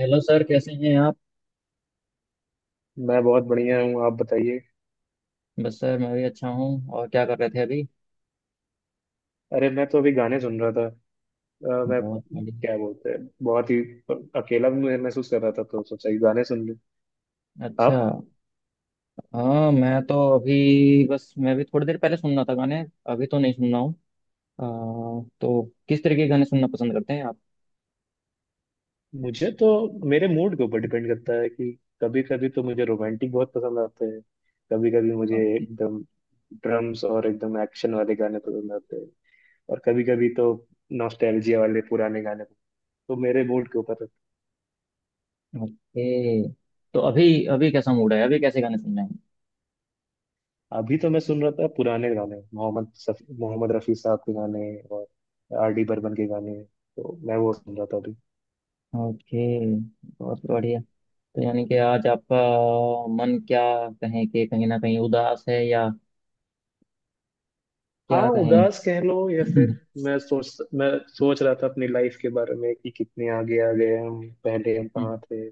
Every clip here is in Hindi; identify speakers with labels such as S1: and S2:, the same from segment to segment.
S1: हेलो सर, कैसे हैं आप।
S2: मैं बहुत बढ़िया हूँ, आप बताइए।
S1: बस सर, मैं भी अच्छा हूँ। और क्या कर रहे थे अभी।
S2: अरे मैं तो अभी गाने सुन रहा था। मैं
S1: बहुत बढ़िया।
S2: क्या बोलते हैं, बहुत ही अकेला भी महसूस कर रहा था, तो सोचा कि गाने सुन लूँ।
S1: अच्छा।
S2: आप?
S1: हाँ, मैं तो अभी बस मैं भी थोड़ी देर पहले सुन रहा था गाने। अभी तो नहीं सुन रहा हूँ। अ, तो किस तरह के गाने सुनना पसंद करते हैं आप।
S2: मुझे तो मेरे मूड के ऊपर डिपेंड करता है कि कभी कभी तो मुझे रोमांटिक बहुत पसंद आते हैं, कभी कभी मुझे
S1: ओके।
S2: एकदम ड्रम्स और एकदम एक्शन वाले गाने पसंद आते हैं, और कभी कभी तो नॉस्टैल्जिया वाले पुराने गाने। तो मेरे मूड के ऊपर।
S1: ओके, तो अभी अभी कैसा मूड है, अभी कैसे गाने सुन रहे हैं।
S2: अभी तो मैं सुन रहा था पुराने गाने, मोहम्मद रफी साहब के गाने, और आर डी बर्मन के गाने। तो मैं वो सुन रहा था अभी।
S1: ओके, बहुत बढ़िया। तो यानी कि आज आपका मन, क्या कहें, कि कहीं ना कहीं उदास है या क्या
S2: हाँ,
S1: कहें।
S2: उदास कह लो या फिर मैं सोच रहा था अपनी लाइफ के बारे में कि कितने आगे आ गए हम, पहले हम कहाँ थे।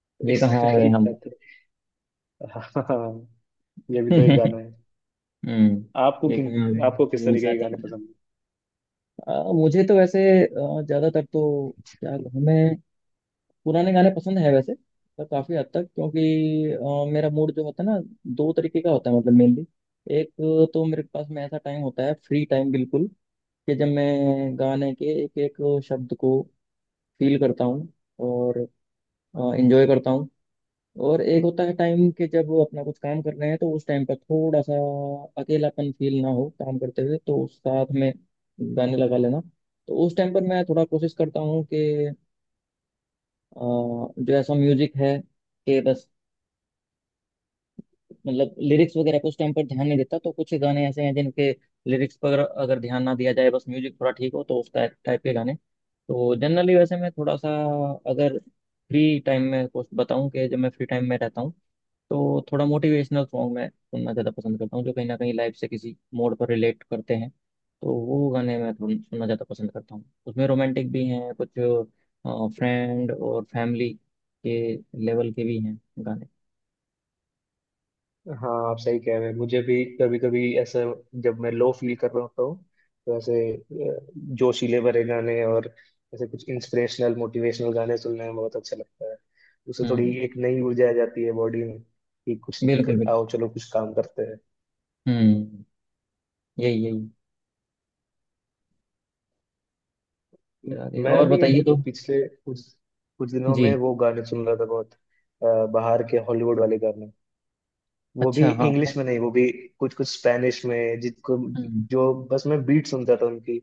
S2: तो
S1: ये
S2: इस
S1: कहाँ आ
S2: तरह
S1: गए
S2: की
S1: हम।
S2: बातें। हाँ, ये भी तो एक गाना है। आपको
S1: हम्म, एक
S2: किन
S1: हाँ।
S2: आपको किस
S1: यही, साथ
S2: तरीके के गाने
S1: चलते चलते।
S2: पसंद?
S1: मुझे तो वैसे ज्यादातर तो, क्या कहूँ मैं, पुराने गाने पसंद है वैसे। पर काफी हद तक क्योंकि मेरा मूड जो होता है ना, दो तरीके का होता है मतलब मेनली। एक तो मेरे पास में ऐसा टाइम होता है, फ्री टाइम बिल्कुल, कि जब मैं गाने के एक एक शब्द को फील करता हूँ और एंजॉय करता हूँ। और एक होता है टाइम के जब वो अपना कुछ काम कर रहे हैं तो उस टाइम पर थोड़ा सा अकेलापन फील ना हो काम करते हुए तो साथ में गाने लगा लेना। तो उस टाइम पर मैं थोड़ा कोशिश करता हूँ कि जो ऐसा म्यूजिक है कि बस, मतलब लिरिक्स वगैरह पे उस टाइम पर ध्यान नहीं देता। तो कुछ गाने ऐसे हैं जिनके लिरिक्स पर अगर ध्यान ना दिया जाए, बस म्यूजिक थोड़ा ठीक हो, तो उस टाइप टाइप के गाने। तो जनरली वैसे मैं थोड़ा सा, अगर फ्री टाइम में कुछ बताऊं, कि जब मैं फ्री टाइम में रहता हूँ तो थोड़ा मोटिवेशनल सॉन्ग मैं सुनना ज़्यादा पसंद करता हूँ, जो कहीं ना कहीं लाइफ से किसी मोड़ पर रिलेट करते हैं, तो वो गाने मैं थोड़ा सुनना ज़्यादा पसंद करता हूँ। उसमें रोमांटिक भी हैं कुछ, फ्रेंड और फैमिली के लेवल के भी हैं गाने।
S2: हाँ, आप सही कह रहे हैं। मुझे भी कभी कभी ऐसे, जब मैं लो फील कर रहा होता हूँ, तो ऐसे जोशीले भरे गाने और ऐसे कुछ इंस्पिरेशनल मोटिवेशनल गाने सुनने में बहुत अच्छा लगता है। उससे थोड़ी
S1: हम्म,
S2: एक नई ऊर्जा आ जाती है बॉडी में कि कुछ
S1: बिल्कुल बिल्कुल।
S2: आओ चलो कुछ काम करते हैं।
S1: हम्म, यही यही
S2: म-
S1: चला गया।
S2: मैं
S1: और
S2: अभी
S1: बताइए
S2: एक
S1: तो।
S2: पिछले कुछ कुछ दिनों में
S1: जी।
S2: वो गाने सुन रहा था, बहुत बाहर के हॉलीवुड वाले गाने। वो भी
S1: अच्छा, हाँ हाँ।
S2: इंग्लिश में नहीं, वो भी कुछ कुछ स्पेनिश में, जिनको
S1: हम्म
S2: जो बस मैं बीट सुनता था। उनकी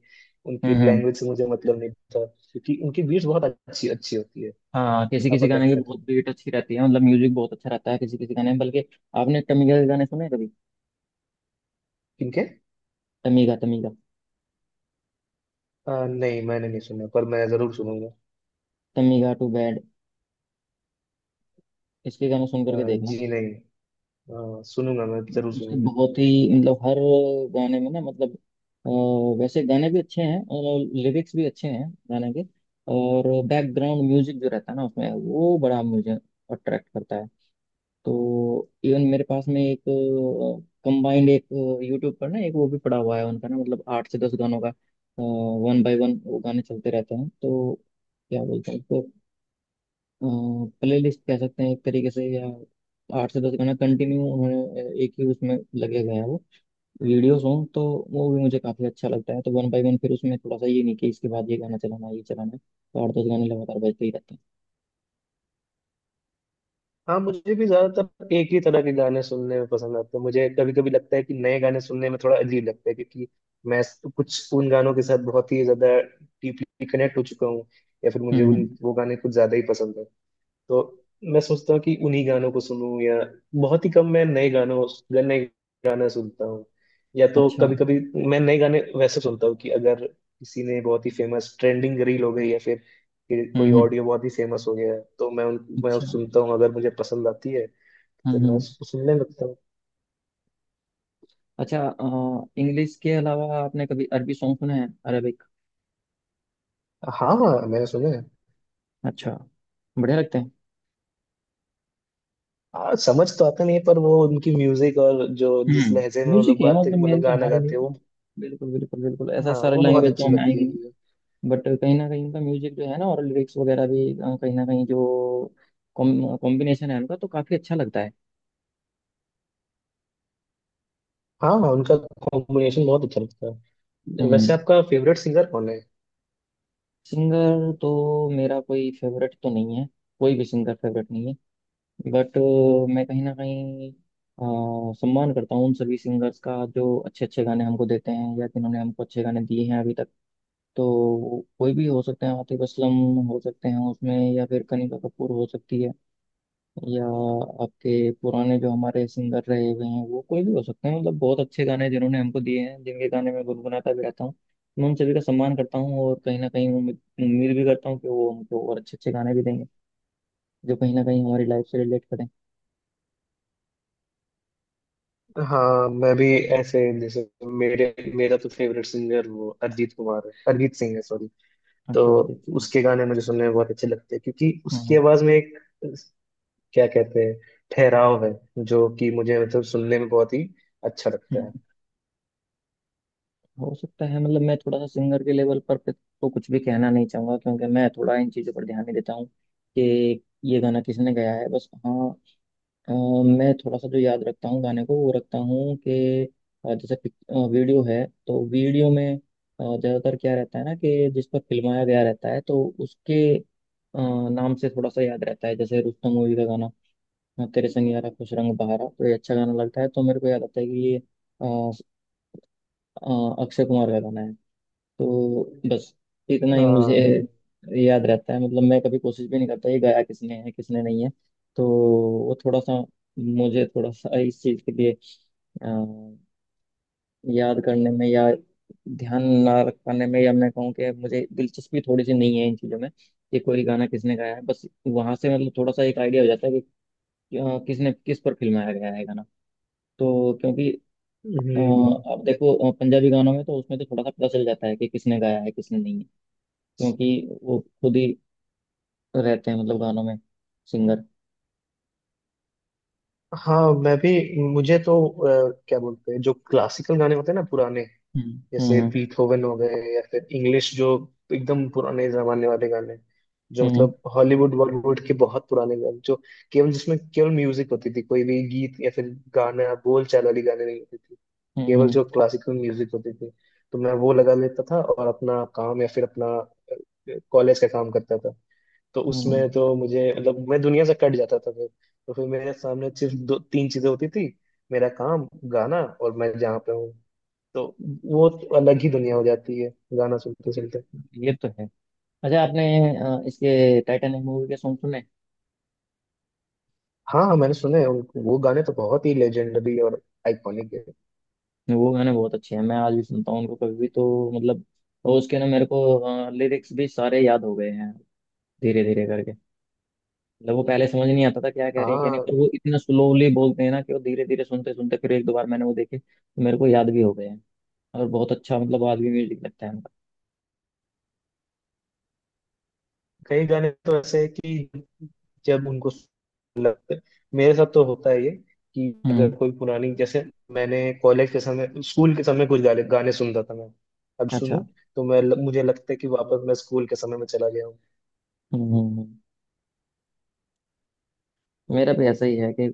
S2: उनकी
S1: हम्म। हम्म।
S2: लैंग्वेज से मुझे मतलब नहीं था, क्योंकि उनकी बीट्स बहुत अच्छी अच्छी होती है।
S1: हाँ, किसी
S2: आपका
S1: किसी
S2: क्या
S1: गाने की
S2: कहते हैं।
S1: बहुत बीट अच्छी रहती है, मतलब म्यूजिक बहुत अच्छा रहता है किसी किसी गाने में। बल्कि आपने टमीगा के गाने सुने हैं कभी।
S2: किनके?
S1: टमीगा, टमीगा।
S2: नहीं, मैंने नहीं सुना, पर मैं जरूर सुनूंगा।
S1: टमीगा टू बैड, इसके गाने सुन करके देखना।
S2: जी नहीं, सुनूंगा, मैं जरूर
S1: उसके
S2: सुनूंगा।
S1: बहुत ही, मतलब हर गाने में ना, मतलब वैसे गाने भी अच्छे हैं और लिरिक्स भी अच्छे हैं गाने के, और बैकग्राउंड म्यूजिक जो रहता है ना उसमें, वो बड़ा मुझे अट्रैक्ट करता है। तो इवन मेरे पास में एक कंबाइंड एक यूट्यूब पर ना एक वो भी पड़ा हुआ है उनका ना, मतलब आठ से दस गानों का, वन बाय वन वो गाने चलते रहते हैं। तो क्या बोलते हैं उसको, प्ले लिस्ट कह सकते हैं एक तरीके से या। आठ से दस गाना कंटिन्यू उन्होंने एक ही उसमें लगे हुए हैं वो वीडियो सॉन्ग। तो वो भी मुझे काफ़ी अच्छा लगता है। तो वन बाय वन फिर उसमें थोड़ा सा ये नहीं कि इसके बाद ये गाना चलाना है, ये चलाना है। तो आठ दस गाने लगातार बजते ही रहते हैं।
S2: हाँ, मुझे भी ज्यादातर एक ही तरह के गाने सुनने में पसंद आते हैं। मुझे कभी कभी लगता है कि नए गाने सुनने में थोड़ा अजीब लगता है, क्योंकि कुछ उन गानों के साथ बहुत ही ज्यादा डीपली कनेक्ट हो चुका हूँ, या फिर मुझे
S1: हम्म
S2: उन
S1: हम्म,
S2: वो गाने कुछ ज्यादा ही पसंद है। तो मैं सोचता हूँ कि उन्हीं गानों को सुनूं, या बहुत ही कम मैं नए गाना सुनता हूँ। या तो
S1: अच्छा।
S2: कभी कभी मैं नए गाने वैसे सुनता हूँ कि अगर किसी ने बहुत ही फेमस ट्रेंडिंग रील हो गई, या फिर कि कोई
S1: हम्म,
S2: ऑडियो बहुत ही फेमस हो गया है, तो मैं
S1: अच्छा।
S2: उस सुनता हूँ, अगर मुझे पसंद आती है फिर मैं
S1: हम्म,
S2: उसको सुनने लगता हूँ।
S1: अच्छा। इंग्लिश के अलावा आपने कभी अरबी सॉन्ग सुने हैं, अरबिक।
S2: हाँ हाँ, मैंने सुना है।
S1: अच्छा, बढ़िया लगते हैं।
S2: हाँ, समझ तो आता नहीं है, पर वो उनकी म्यूजिक और जो जिस लहजे
S1: हम्म,
S2: में वो लोग
S1: म्यूजिक है
S2: बात
S1: मतलब
S2: मतलब
S1: मेन तो
S2: गाना
S1: हमारे लिए।
S2: गाते हैं वो,
S1: बिल्कुल बिल्कुल बिल्कुल, ऐसा
S2: हाँ,
S1: सारे
S2: वो बहुत
S1: लैंग्वेज तो
S2: अच्छी
S1: हमें
S2: लगती
S1: आएंगे
S2: है।
S1: नहीं। बट कहीं ना कहीं उनका म्यूजिक जो है ना, और लिरिक्स वगैरह भी कहीं ना कहीं जो कॉम्बिनेशन है उनका, तो काफी अच्छा लगता है।
S2: हाँ हाँ, उनका कॉम्बिनेशन बहुत अच्छा लगता है। वैसे
S1: हम्म।
S2: आपका फेवरेट सिंगर कौन है?
S1: सिंगर तो मेरा कोई फेवरेट तो नहीं है, कोई भी सिंगर फेवरेट नहीं है। बट मैं कहीं ना कहीं सम्मान करता हूँ उन सभी सिंगर्स का, जो अच्छे अच्छे गाने हमको देते हैं या जिन्होंने हमको अच्छे गाने दिए हैं अभी तक। तो कोई भी हो सकते हैं, आतिफ असलम हो सकते हैं उसमें, या फिर कनिका कपूर हो सकती है, या आपके पुराने जो हमारे सिंगर रहे हुए हैं वो कोई भी हो सकते हैं। मतलब बहुत अच्छे गाने जिन्होंने हमको दिए हैं, जिनके गाने मैं गुनगुनाता भी रहता हूँ, मैं उन सभी का सम्मान करता हूँ, और कहीं ना कहीं उम्मीद उम्मीद भी करता हूँ कि वो हमको और अच्छे अच्छे गाने भी देंगे, जो कहीं ना कहीं हमारी लाइफ से रिलेट करें।
S2: हाँ, मैं भी ऐसे जैसे, मेरे मेरा तो फेवरेट सिंगर वो अरिजीत सिंह है, सॉरी। तो
S1: अच्छा, और देखते हैं।
S2: उसके गाने मुझे सुनने में बहुत अच्छे लगते हैं, क्योंकि उसकी
S1: हम्म।
S2: आवाज में एक क्या कहते हैं ठहराव है, जो कि मुझे मतलब सुनने में बहुत ही अच्छा लगता है।
S1: हम्म। हो सकता है, मतलब मैं थोड़ा सा सिंगर के लेवल पर पे तो कुछ भी कहना नहीं चाहूंगा क्योंकि मैं थोड़ा इन चीज़ों पर ध्यान नहीं देता हूँ कि ये गाना किसने गाया है। बस हाँ, अ, मैं थोड़ा सा जो याद रखता हूँ गाने को वो रखता हूँ कि जैसे वीडियो है तो वीडियो में ज़्यादातर क्या रहता है ना कि जिस पर फिल्माया गया रहता है, तो उसके नाम से थोड़ा सा याद रहता है। जैसे रुस्तम मूवी का गाना तेरे संग यारा खुश रंग बहारा, तो ये अच्छा गाना लगता है, तो मेरे को याद आता है कि ये अ, अक्षय कुमार का गाना है। तो बस इतना ही मुझे
S2: हाँ।
S1: याद रहता है। मतलब मैं कभी कोशिश भी नहीं करता ये गाया किसने है किसने नहीं है। तो वो थोड़ा सा, मुझे थोड़ा सा इस चीज़ के लिए अ, याद करने में या ध्यान ना रख पाने में, या मैं कहूँ कि मुझे दिलचस्पी थोड़ी सी नहीं है इन चीज़ों में, कि कोई गाना किसने गाया है। बस वहां से मतलब थोड़ा सा एक आइडिया हो जाता है कि किसने किस पर फिल्माया गया है गाना। तो क्योंकि
S2: हम्म।
S1: अब देखो पंजाबी गानों में तो उसमें तो थोड़ा सा पता चल जाता है कि किसने गाया है किसने नहीं है, क्योंकि वो खुद ही रहते हैं मतलब गानों में, सिंगर।
S2: हाँ, मैं भी। मुझे तो क्या बोलते हैं, जो क्लासिकल गाने होते हैं ना पुराने, जैसे
S1: हम्म।
S2: बीथोवन हो गए, या फिर इंग्लिश जो एकदम पुराने जमाने वाले गाने, जो
S1: हम्म
S2: मतलब हॉलीवुड बॉलीवुड के बहुत पुराने गाने, जो केवल म्यूजिक होती थी, कोई भी गीत या फिर गाना बोल चाल वाली गाने नहीं होती थी, केवल
S1: हम्म।
S2: जो क्लासिकल म्यूजिक होती थी, तो मैं वो लगा लेता था और अपना काम या फिर अपना कॉलेज का काम करता था। तो
S1: हम्म।
S2: उसमें तो मुझे मतलब मैं दुनिया से कट जाता था फिर। तो फिर मेरे सामने सिर्फ दो तीन चीजें होती थी: मेरा काम, गाना, और मैं जहाँ पे हूँ। तो वो तो अलग ही दुनिया हो जाती है गाना सुनते सुनते।
S1: ये तो है। अच्छा, आपने इसके टाइटैनिक मूवी के सॉन्ग सुने।
S2: हाँ हाँ, मैंने सुने हैं उनको। वो गाने तो बहुत ही लेजेंडरी और आइकॉनिक है।
S1: वो गाने बहुत अच्छे हैं, मैं आज भी सुनता हूँ उनको कभी भी, तो मतलब और उसके ना मेरे को लिरिक्स भी सारे याद हो गए हैं धीरे धीरे करके। मतलब वो पहले समझ नहीं आता था क्या कह रहे हैं क्या नहीं,
S2: हाँ,
S1: पर वो इतना स्लोली बोलते हैं ना कि वो धीरे धीरे सुनते सुनते फिर एक दो बार मैंने वो देखे तो मेरे को याद भी हो गए हैं। और बहुत अच्छा मतलब आज भी म्यूजिक लगता है उनका।
S2: कई गाने तो ऐसे हैं कि जब उनको लगते, मेरे साथ तो होता है ये कि अगर
S1: हम्म,
S2: कोई पुरानी जैसे मैंने कॉलेज के समय, स्कूल के समय कुछ गाने गाने सुनता था, मैं अब
S1: अच्छा।
S2: सुनूं, तो मैं मुझे लगता है कि वापस मैं स्कूल के समय में चला गया हूँ।
S1: हम्म। हम्म। मेरा भी ऐसा ही है कि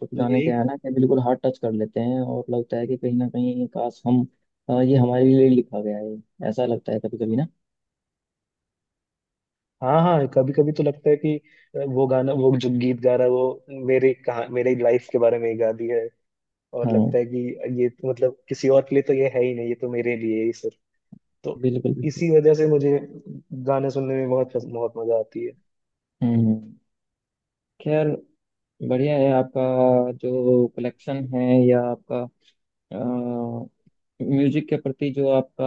S1: कुछ
S2: तो
S1: गाने
S2: यही।
S1: क्या है ना कि बिल्कुल हार्ट टच कर लेते हैं, और लगता है कि कहीं ना कहीं काश हम ये हमारे लिए लिखा गया है ऐसा लगता है कभी कभी ना।
S2: हाँ हाँ, कभी कभी तो लगता है कि वो गाना वो जो गीत गा रहा है वो मेरे लाइफ के बारे में ही गा दी है, और
S1: हाँ,
S2: लगता है कि ये तो मतलब किसी और के लिए तो ये है ही नहीं, ये तो मेरे लिए ही सिर्फ। तो
S1: बिल्कुल बिल्कुल।
S2: इसी वजह से मुझे गाने सुनने में बहुत बहुत मजा आती है।
S1: हम्म। खैर, बढ़िया है आपका जो कलेक्शन है, या आपका म्यूजिक के प्रति जो आपका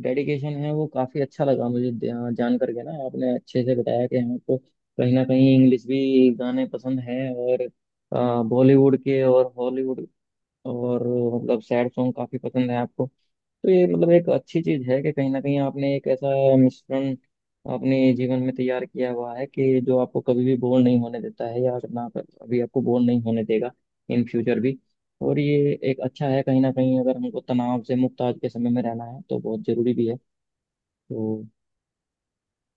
S1: डेडिकेशन है, वो काफी अच्छा लगा मुझे। जान करके ना आपने अच्छे से बताया कि हमको कहीं ना कहीं इंग्लिश भी गाने पसंद हैं, और बॉलीवुड के और हॉलीवुड, और मतलब सैड सॉन्ग काफी पसंद है आपको। तो ये मतलब एक अच्छी चीज है कि कहीं ना कहीं आपने एक ऐसा मिश्रण अपने जीवन में तैयार किया हुआ है कि जो आपको कभी भी बोर नहीं होने देता है, या ना अभी आपको बोर नहीं होने देगा, इन फ्यूचर भी। और ये एक अच्छा है कहीं ना कहीं, अगर हमको तनाव से मुक्त आज के समय में रहना है तो बहुत जरूरी भी है। तो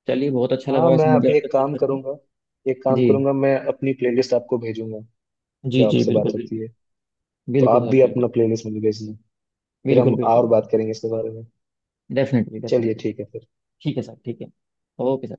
S1: चलिए, बहुत अच्छा लगा
S2: हाँ,
S1: वैसे
S2: मैं
S1: मुझे आपसे
S2: एक
S1: बात
S2: काम
S1: करके।
S2: करूंगा,
S1: जी।
S2: मैं अपनी प्लेलिस्ट आपको भेजूंगा,
S1: जी
S2: जो
S1: जी,
S2: आपसे
S1: बिल्कुल
S2: बात होती
S1: बिल्कुल।
S2: है। तो
S1: बिल्कुल
S2: आप
S1: सर,
S2: भी
S1: बिल्कुल।
S2: अपना प्लेलिस्ट मुझे भेजना, फिर हम
S1: बिल्कुल बिल्कुल
S2: और बात करेंगे
S1: बिल्कुल।
S2: इसके बारे में।
S1: डेफिनेटली
S2: चलिए,
S1: डेफिनेटली।
S2: ठीक है फिर।
S1: ठीक है सर, ठीक है। Okay sir.